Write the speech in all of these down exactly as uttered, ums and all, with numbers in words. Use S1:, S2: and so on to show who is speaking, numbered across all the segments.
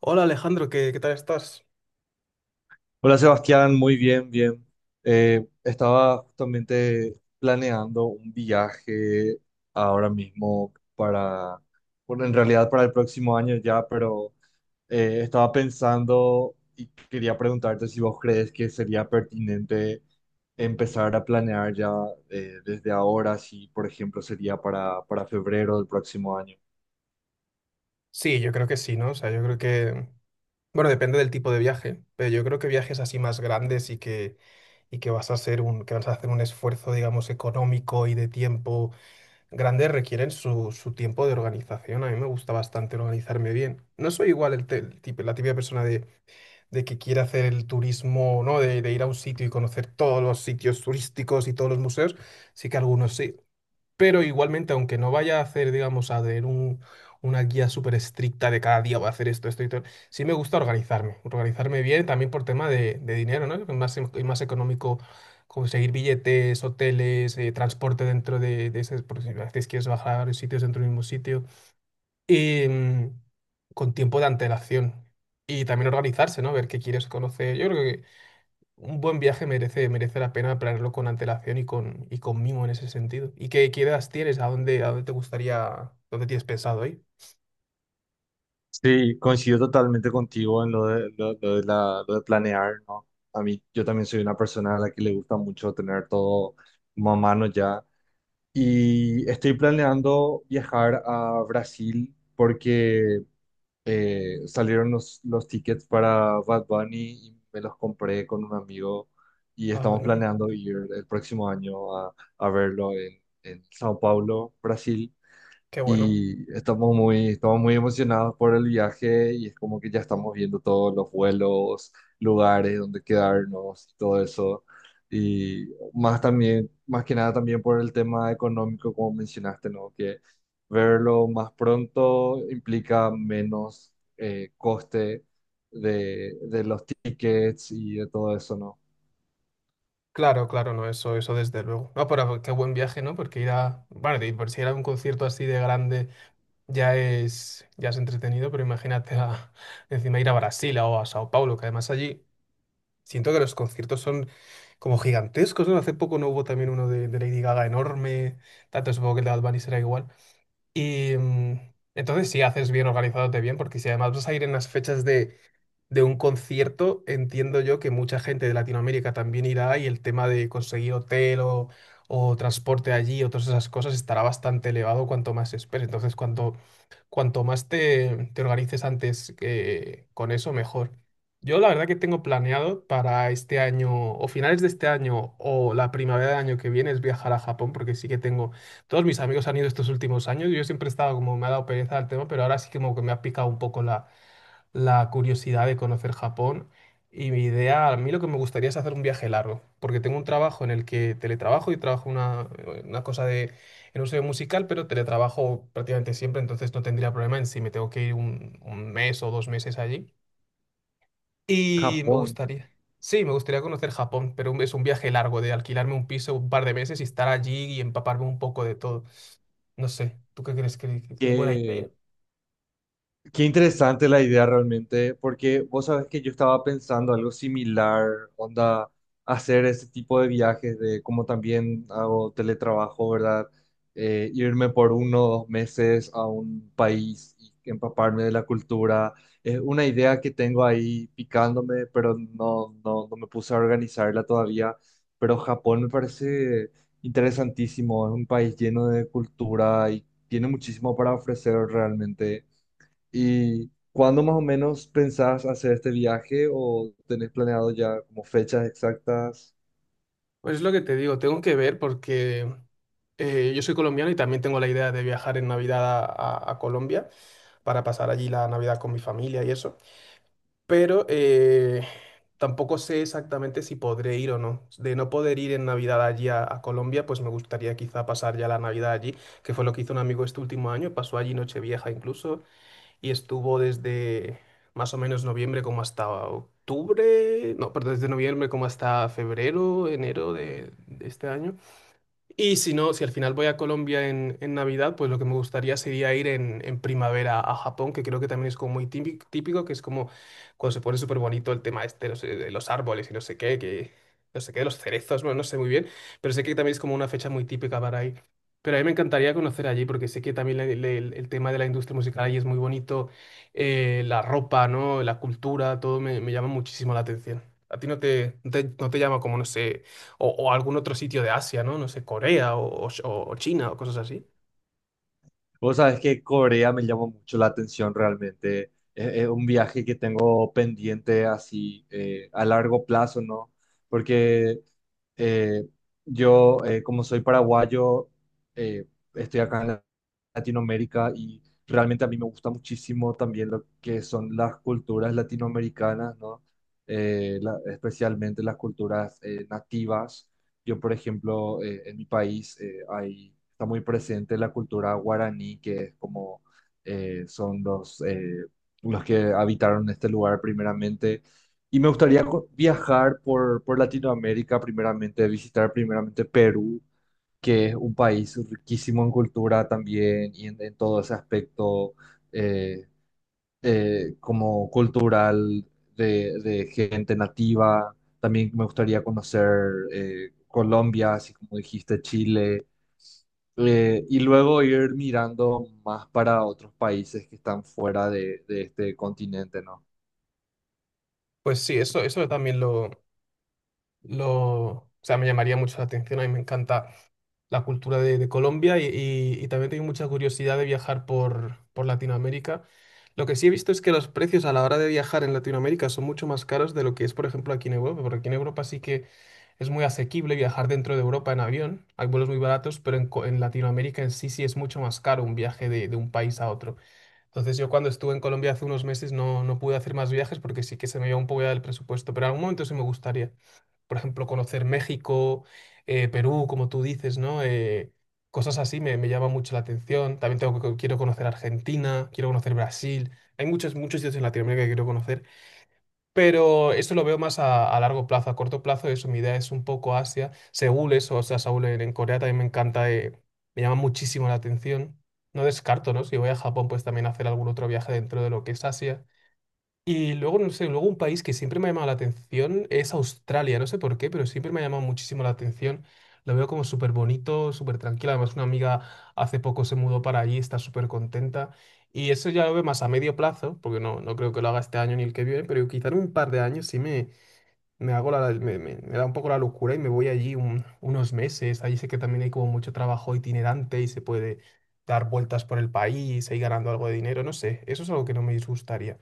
S1: Hola Alejandro, ¿qué, qué tal estás?
S2: Hola Sebastián, muy bien, bien. Eh, estaba justamente planeando un viaje ahora mismo para, bueno, en realidad para el próximo año ya, pero eh, estaba pensando y quería preguntarte si vos crees que sería pertinente empezar a planear ya eh, desde ahora, si por ejemplo sería para, para febrero del próximo año.
S1: Sí, yo creo que sí, ¿no? O sea, yo creo que, bueno, depende del tipo de viaje, pero yo creo que viajes así más grandes y que, y que, vas a hacer un, que vas a hacer un esfuerzo, digamos, económico y de tiempo grande requieren su, su tiempo de organización. A mí me gusta bastante organizarme bien. No soy igual el, te- el tipo, la típica persona de, de que quiere hacer el turismo, ¿no? De, de ir a un sitio y conocer todos los sitios turísticos y todos los museos. Sí que algunos sí. Pero igualmente, aunque no vaya a hacer, digamos, a tener un- una guía súper estricta de cada día voy a hacer esto, esto y todo, sí me gusta organizarme, organizarme bien también por tema de, de dinero, ¿no? Que Es más, em- es más económico conseguir billetes, hoteles, eh, transporte dentro de, de ese, por si a veces quieres bajar a varios sitios dentro del mismo sitio, y mm, con tiempo de antelación. Y también organizarse, ¿no? Ver qué quieres conocer. Yo creo un buen viaje merece, merece la pena planearlo con antelación y con, y con mimo en ese sentido. ¿Y qué, qué ideas tienes? ¿A dónde, a dónde te gustaría, dónde tienes pensado ir?
S2: Sí, coincido totalmente contigo en lo de, lo, lo de la, lo de planear, ¿no? A mí, yo también soy una persona a la que le gusta mucho tener todo como a mano ya. Y estoy planeando viajar a Brasil porque eh, salieron los, los, tickets para Bad Bunny y me los compré con un amigo y
S1: Ah,
S2: estamos
S1: bueno,
S2: planeando ir el próximo año a, a, verlo en, en Sao Paulo, Brasil,
S1: qué bueno.
S2: y estamos muy, estamos muy emocionados por el viaje, y es como que ya estamos viendo todos los vuelos, lugares donde quedarnos y todo eso. Y más también, más que nada también por el tema económico, como mencionaste, ¿no? Que verlo más pronto implica menos eh, coste de, de los tickets y de todo eso, ¿no?
S1: Claro, claro, no, eso, eso desde luego. No, pero qué buen viaje, ¿no? Porque ir a, bueno, de por si era un concierto así de grande ya es, ya es entretenido, pero imagínate a- encima ir a Brasil o a Sao Paulo, que además allí siento que los conciertos son como gigantescos, ¿no? Hace poco no hubo también uno de, de Lady Gaga enorme, tanto supongo que el de Bad Bunny será igual. Y mm, entonces, si haces bien organizándote bien, porque si además vas a ir en las fechas de, de un concierto, entiendo yo que mucha gente de Latinoamérica también irá y el tema de conseguir hotel o, o transporte allí o todas esas cosas estará bastante elevado cuanto más esperes. Entonces, cuanto cuanto más te, te organices antes eh, con eso, mejor. Yo la verdad que tengo planeado para este año, o finales de este año, o la primavera del año que viene, es viajar a Japón, porque sí que tengo, todos mis amigos han ido estos últimos años, yo siempre he estado como, me ha dado pereza el tema, pero ahora sí que como que me ha picado un poco la la curiosidad de conocer Japón y mi idea, a mí lo que me gustaría es hacer un viaje largo, porque tengo un trabajo en el que teletrabajo y trabajo una, una cosa de, en un sello musical, pero teletrabajo prácticamente siempre, entonces no tendría problema en si me tengo que ir un, un mes o dos meses allí. Y me
S2: Japón,
S1: gustaría, sí, me gustaría conocer Japón, pero un- es un viaje largo de alquilarme un piso un par de meses y estar allí y empaparme un poco de todo. No sé, ¿tú qué crees que que es buena
S2: ¿qué?
S1: idea?
S2: Qué interesante la idea realmente, porque vos sabés que yo estaba pensando algo similar, onda, hacer ese tipo de viajes, de como también hago teletrabajo, ¿verdad? Eh, irme por uno o dos meses a un país y empaparme de la cultura. Es una idea que tengo ahí picándome, pero no, no, no me puse a organizarla todavía. Pero Japón me parece interesantísimo, es un país lleno de cultura y tiene muchísimo para ofrecer realmente. ¿Y cuándo más o menos pensás hacer este viaje o tenés planeado ya como fechas exactas?
S1: Pues es lo que te digo, tengo que ver porque Eh, yo soy colombiano y también tengo la idea de viajar en Navidad a, a- a Colombia para pasar allí la Navidad con mi familia y eso. Pero eh, tampoco sé exactamente si podré ir o no. De no poder ir en Navidad allí a, a Colombia, pues me gustaría quizá pasar ya la Navidad allí, que fue lo que hizo un amigo este último año. Pasó allí Nochevieja incluso y estuvo desde más o menos noviembre como hasta octubre, no, perdón, desde noviembre como hasta febrero, enero de de este año. Y si no, si al final voy a Colombia en, en Navidad, pues lo que me gustaría sería ir en, en primavera a Japón, que creo que también es como muy típico, típico, que es como cuando se pone súper bonito el tema este, no sé, de los árboles y no sé qué, que no sé qué, de los cerezos, bueno, no sé muy bien, pero sé que también es como una fecha muy típica para ir. Pero a mí me encantaría conocer allí, porque sé que también le- le- el, el tema de la industria musical allí es muy bonito, eh, la ropa, ¿no? La cultura, todo me, me llama muchísimo la atención. ¿A ti no te, no te, no te llama como, no sé o, o algún otro sitio de Asia, ¿no? No sé, Corea o, o- o China o cosas así.
S2: Vos sabés que Corea me llamó mucho la atención realmente. Es, es un viaje que tengo pendiente así eh, a largo plazo, ¿no? Porque eh, yo, eh, como soy paraguayo, eh, estoy acá en Latinoamérica, y realmente a mí me gusta muchísimo también lo que son las culturas latinoamericanas, ¿no? Eh, la- especialmente las culturas eh, nativas. Yo, por ejemplo, eh, en mi país eh, hay está muy presente la cultura guaraní, que es como eh, son los, eh, los que habitaron este lugar primeramente. Y me gustaría co- viajar por, por, Latinoamérica primeramente, visitar primeramente Perú, que es un país riquísimo en cultura también y en, en, todo ese aspecto, eh, eh, como cultural, de, de gente nativa. También me gustaría conocer eh, Colombia, así como dijiste, Chile, eh, y luego ir mirando más para otros países que están fuera de, de este continente, ¿no?
S1: Pues sí, eso, eso también lo, lo, o sea, me llamaría mucho la atención. A mí me encanta la cultura de, de Colombia y, y- y también tengo mucha curiosidad de viajar por, por Latinoamérica. Lo que sí he visto es que los precios a la hora de viajar en Latinoamérica son mucho más caros de lo que es, por ejemplo, aquí en Europa, porque aquí en Europa sí que es muy asequible viajar dentro de Europa en avión. Hay vuelos muy baratos, pero en, co- en Latinoamérica en sí sí es mucho más caro un viaje de, de un país a otro. Entonces yo cuando estuve en Colombia hace unos meses no, no pude hacer más viajes porque sí que se me iba un poco ya del presupuesto, pero en algún momento sí me gustaría, por ejemplo, conocer México, eh, Perú, como tú dices, ¿no? Eh, cosas así me, me llama mucho la atención. También tengo que, quiero conocer Argentina, quiero conocer Brasil. Hay muchos, muchos sitios en Latinoamérica que quiero conocer. Pero eso lo veo más a, a largo plazo, a corto plazo, eso, mi idea es un poco Asia, Seúl, eso, o sea, Seúl en en Corea también me encanta, eh, me llama muchísimo la atención. No descarto, ¿no? Si voy a Japón, pues también hacer algún otro viaje dentro de lo que es Asia. Y luego, no sé, luego un país que siempre me ha llamado la atención es Australia, no sé por qué, pero siempre me ha llamado muchísimo la atención. Lo veo como súper bonito, súper tranquilo. Además, una amiga hace poco se mudó para allí, está súper contenta. Y eso ya lo veo más a medio plazo, porque no, no creo que lo haga este año ni el que viene, pero quizá en un par de años sí me, me hago la, me, me- me da un poco la locura y me voy allí un- unos meses. Allí sé que también hay como mucho trabajo itinerante y se puede dar vueltas por el país e ir ganando algo de dinero, no sé. Eso es algo que no me disgustaría.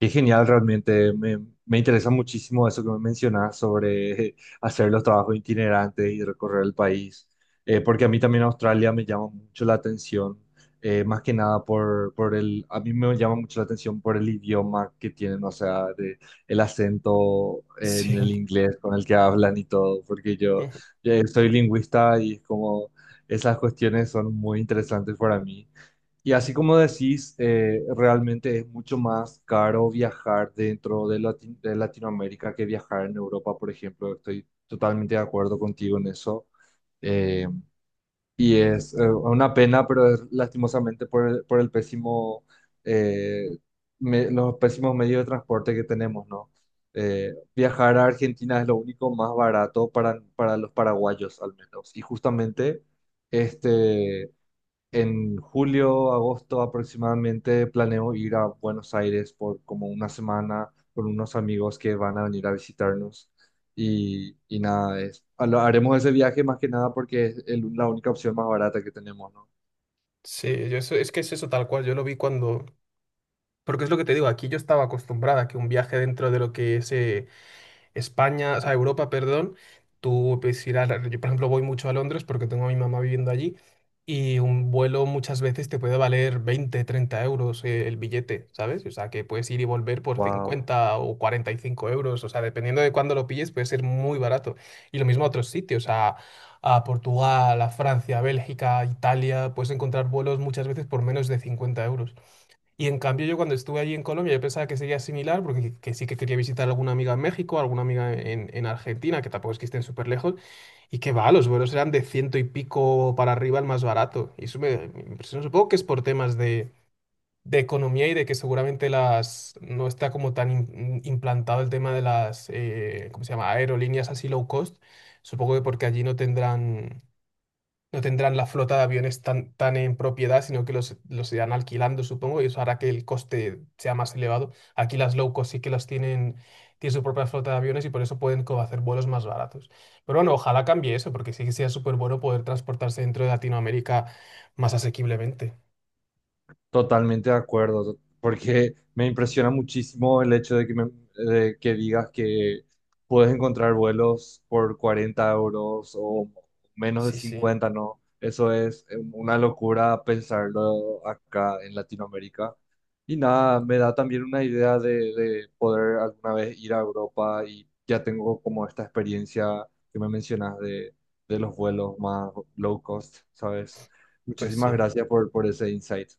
S2: Qué genial, realmente. Me, me interesa muchísimo eso que me mencionas sobre hacer los trabajos itinerantes y recorrer el país. Eh, porque a mí también Australia me llama mucho la atención, eh, más que nada por, por el, a mí me llama mucho la atención por el idioma que tienen, o sea, de- el acento en
S1: Sí.
S2: el inglés con el que hablan y todo, porque yo
S1: Ujú.
S2: eh, soy lingüista y es como esas cuestiones son muy interesantes para mí. Y así como decís, eh, realmente es mucho más caro viajar dentro de, Lati- de Latinoamérica que viajar en Europa, por ejemplo. Estoy totalmente de acuerdo contigo en eso. Eh, y es eh, una pena, pero es lastimosamente por el, por el pésimo, eh, me- los pésimos medios de transporte que tenemos, ¿no? Eh, viajar a Argentina es lo único más barato para, para, los paraguayos, al menos. Y justamente... Este, en julio, agosto aproximadamente planeo ir a Buenos Aires por como una semana con unos amigos que van a venir a visitarnos, y, y nada, es, lo haremos ese viaje más que nada porque es el- la única opción más barata que tenemos, ¿no?
S1: Sí, yo eso, es que es eso tal cual, yo lo vi cuando, porque es lo que te digo, aquí yo estaba acostumbrada a que un viaje dentro de lo que es eh, España, o sea, Europa, perdón, tú puedes ir. a... la- Yo, por ejemplo, voy mucho a Londres porque tengo a mi mamá viviendo allí y un vuelo muchas veces te puede valer veinte, treinta euros eh, el billete, ¿sabes? O sea, que puedes ir y volver por
S2: Wow.
S1: cincuenta o cuarenta y cinco euros, o sea, dependiendo de cuándo lo pilles, puede ser muy barato. Y lo mismo a otros sitios, a, a Portugal, a Francia, a Bélgica, a Italia, puedes encontrar vuelos muchas veces por menos de cincuenta euros. Y en cambio yo cuando estuve allí en Colombia yo pensaba que sería similar, porque que, que sí que quería visitar alguna amiga en México, alguna amiga en, en, Argentina, que tampoco es que estén súper lejos, y que va, los vuelos eran de ciento y pico para arriba el más barato. Y eso me, me impresionó. Supongo que es por temas de, de economía y de que seguramente las no está como tan im- implantado el tema de las, eh, ¿cómo se llama?, aerolíneas así low cost. Supongo que porque allí no tendrán no tendrán la flota de aviones tan, tan en propiedad, sino que los, los irán alquilando, supongo, y eso hará que el coste sea más elevado. Aquí las low cost sí que las tienen, tienen su propia flota de aviones y por eso pueden como hacer vuelos más baratos. Pero bueno, ojalá cambie eso, porque sí que sea súper bueno poder transportarse dentro de Latinoamérica más asequiblemente.
S2: Totalmente de acuerdo, porque me impresiona muchísimo el hecho de que, me- de que, digas que puedes encontrar vuelos por cuarenta euros o menos de
S1: Sí, sí,
S2: cincuenta, ¿no? Eso es eh, una locura pensarlo acá en Latinoamérica. Y nada, me da también una idea de, de, poder alguna vez ir a Europa, y ya tengo como esta experiencia que me mencionas de, de los vuelos más low cost, ¿sabes?
S1: pues
S2: Muchísimas
S1: sí.
S2: gracias por, por, ese insight.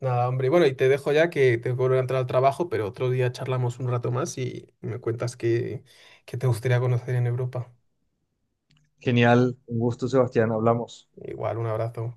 S1: Nada, hombre. Bueno, y te dejo ya que tengo que volver a entrar al trabajo, pero otro día charlamos un rato más y me cuentas qué, qué, te gustaría conocer en Europa.
S2: Genial, un gusto, Sebastián, hablamos.
S1: Igual, un abrazo.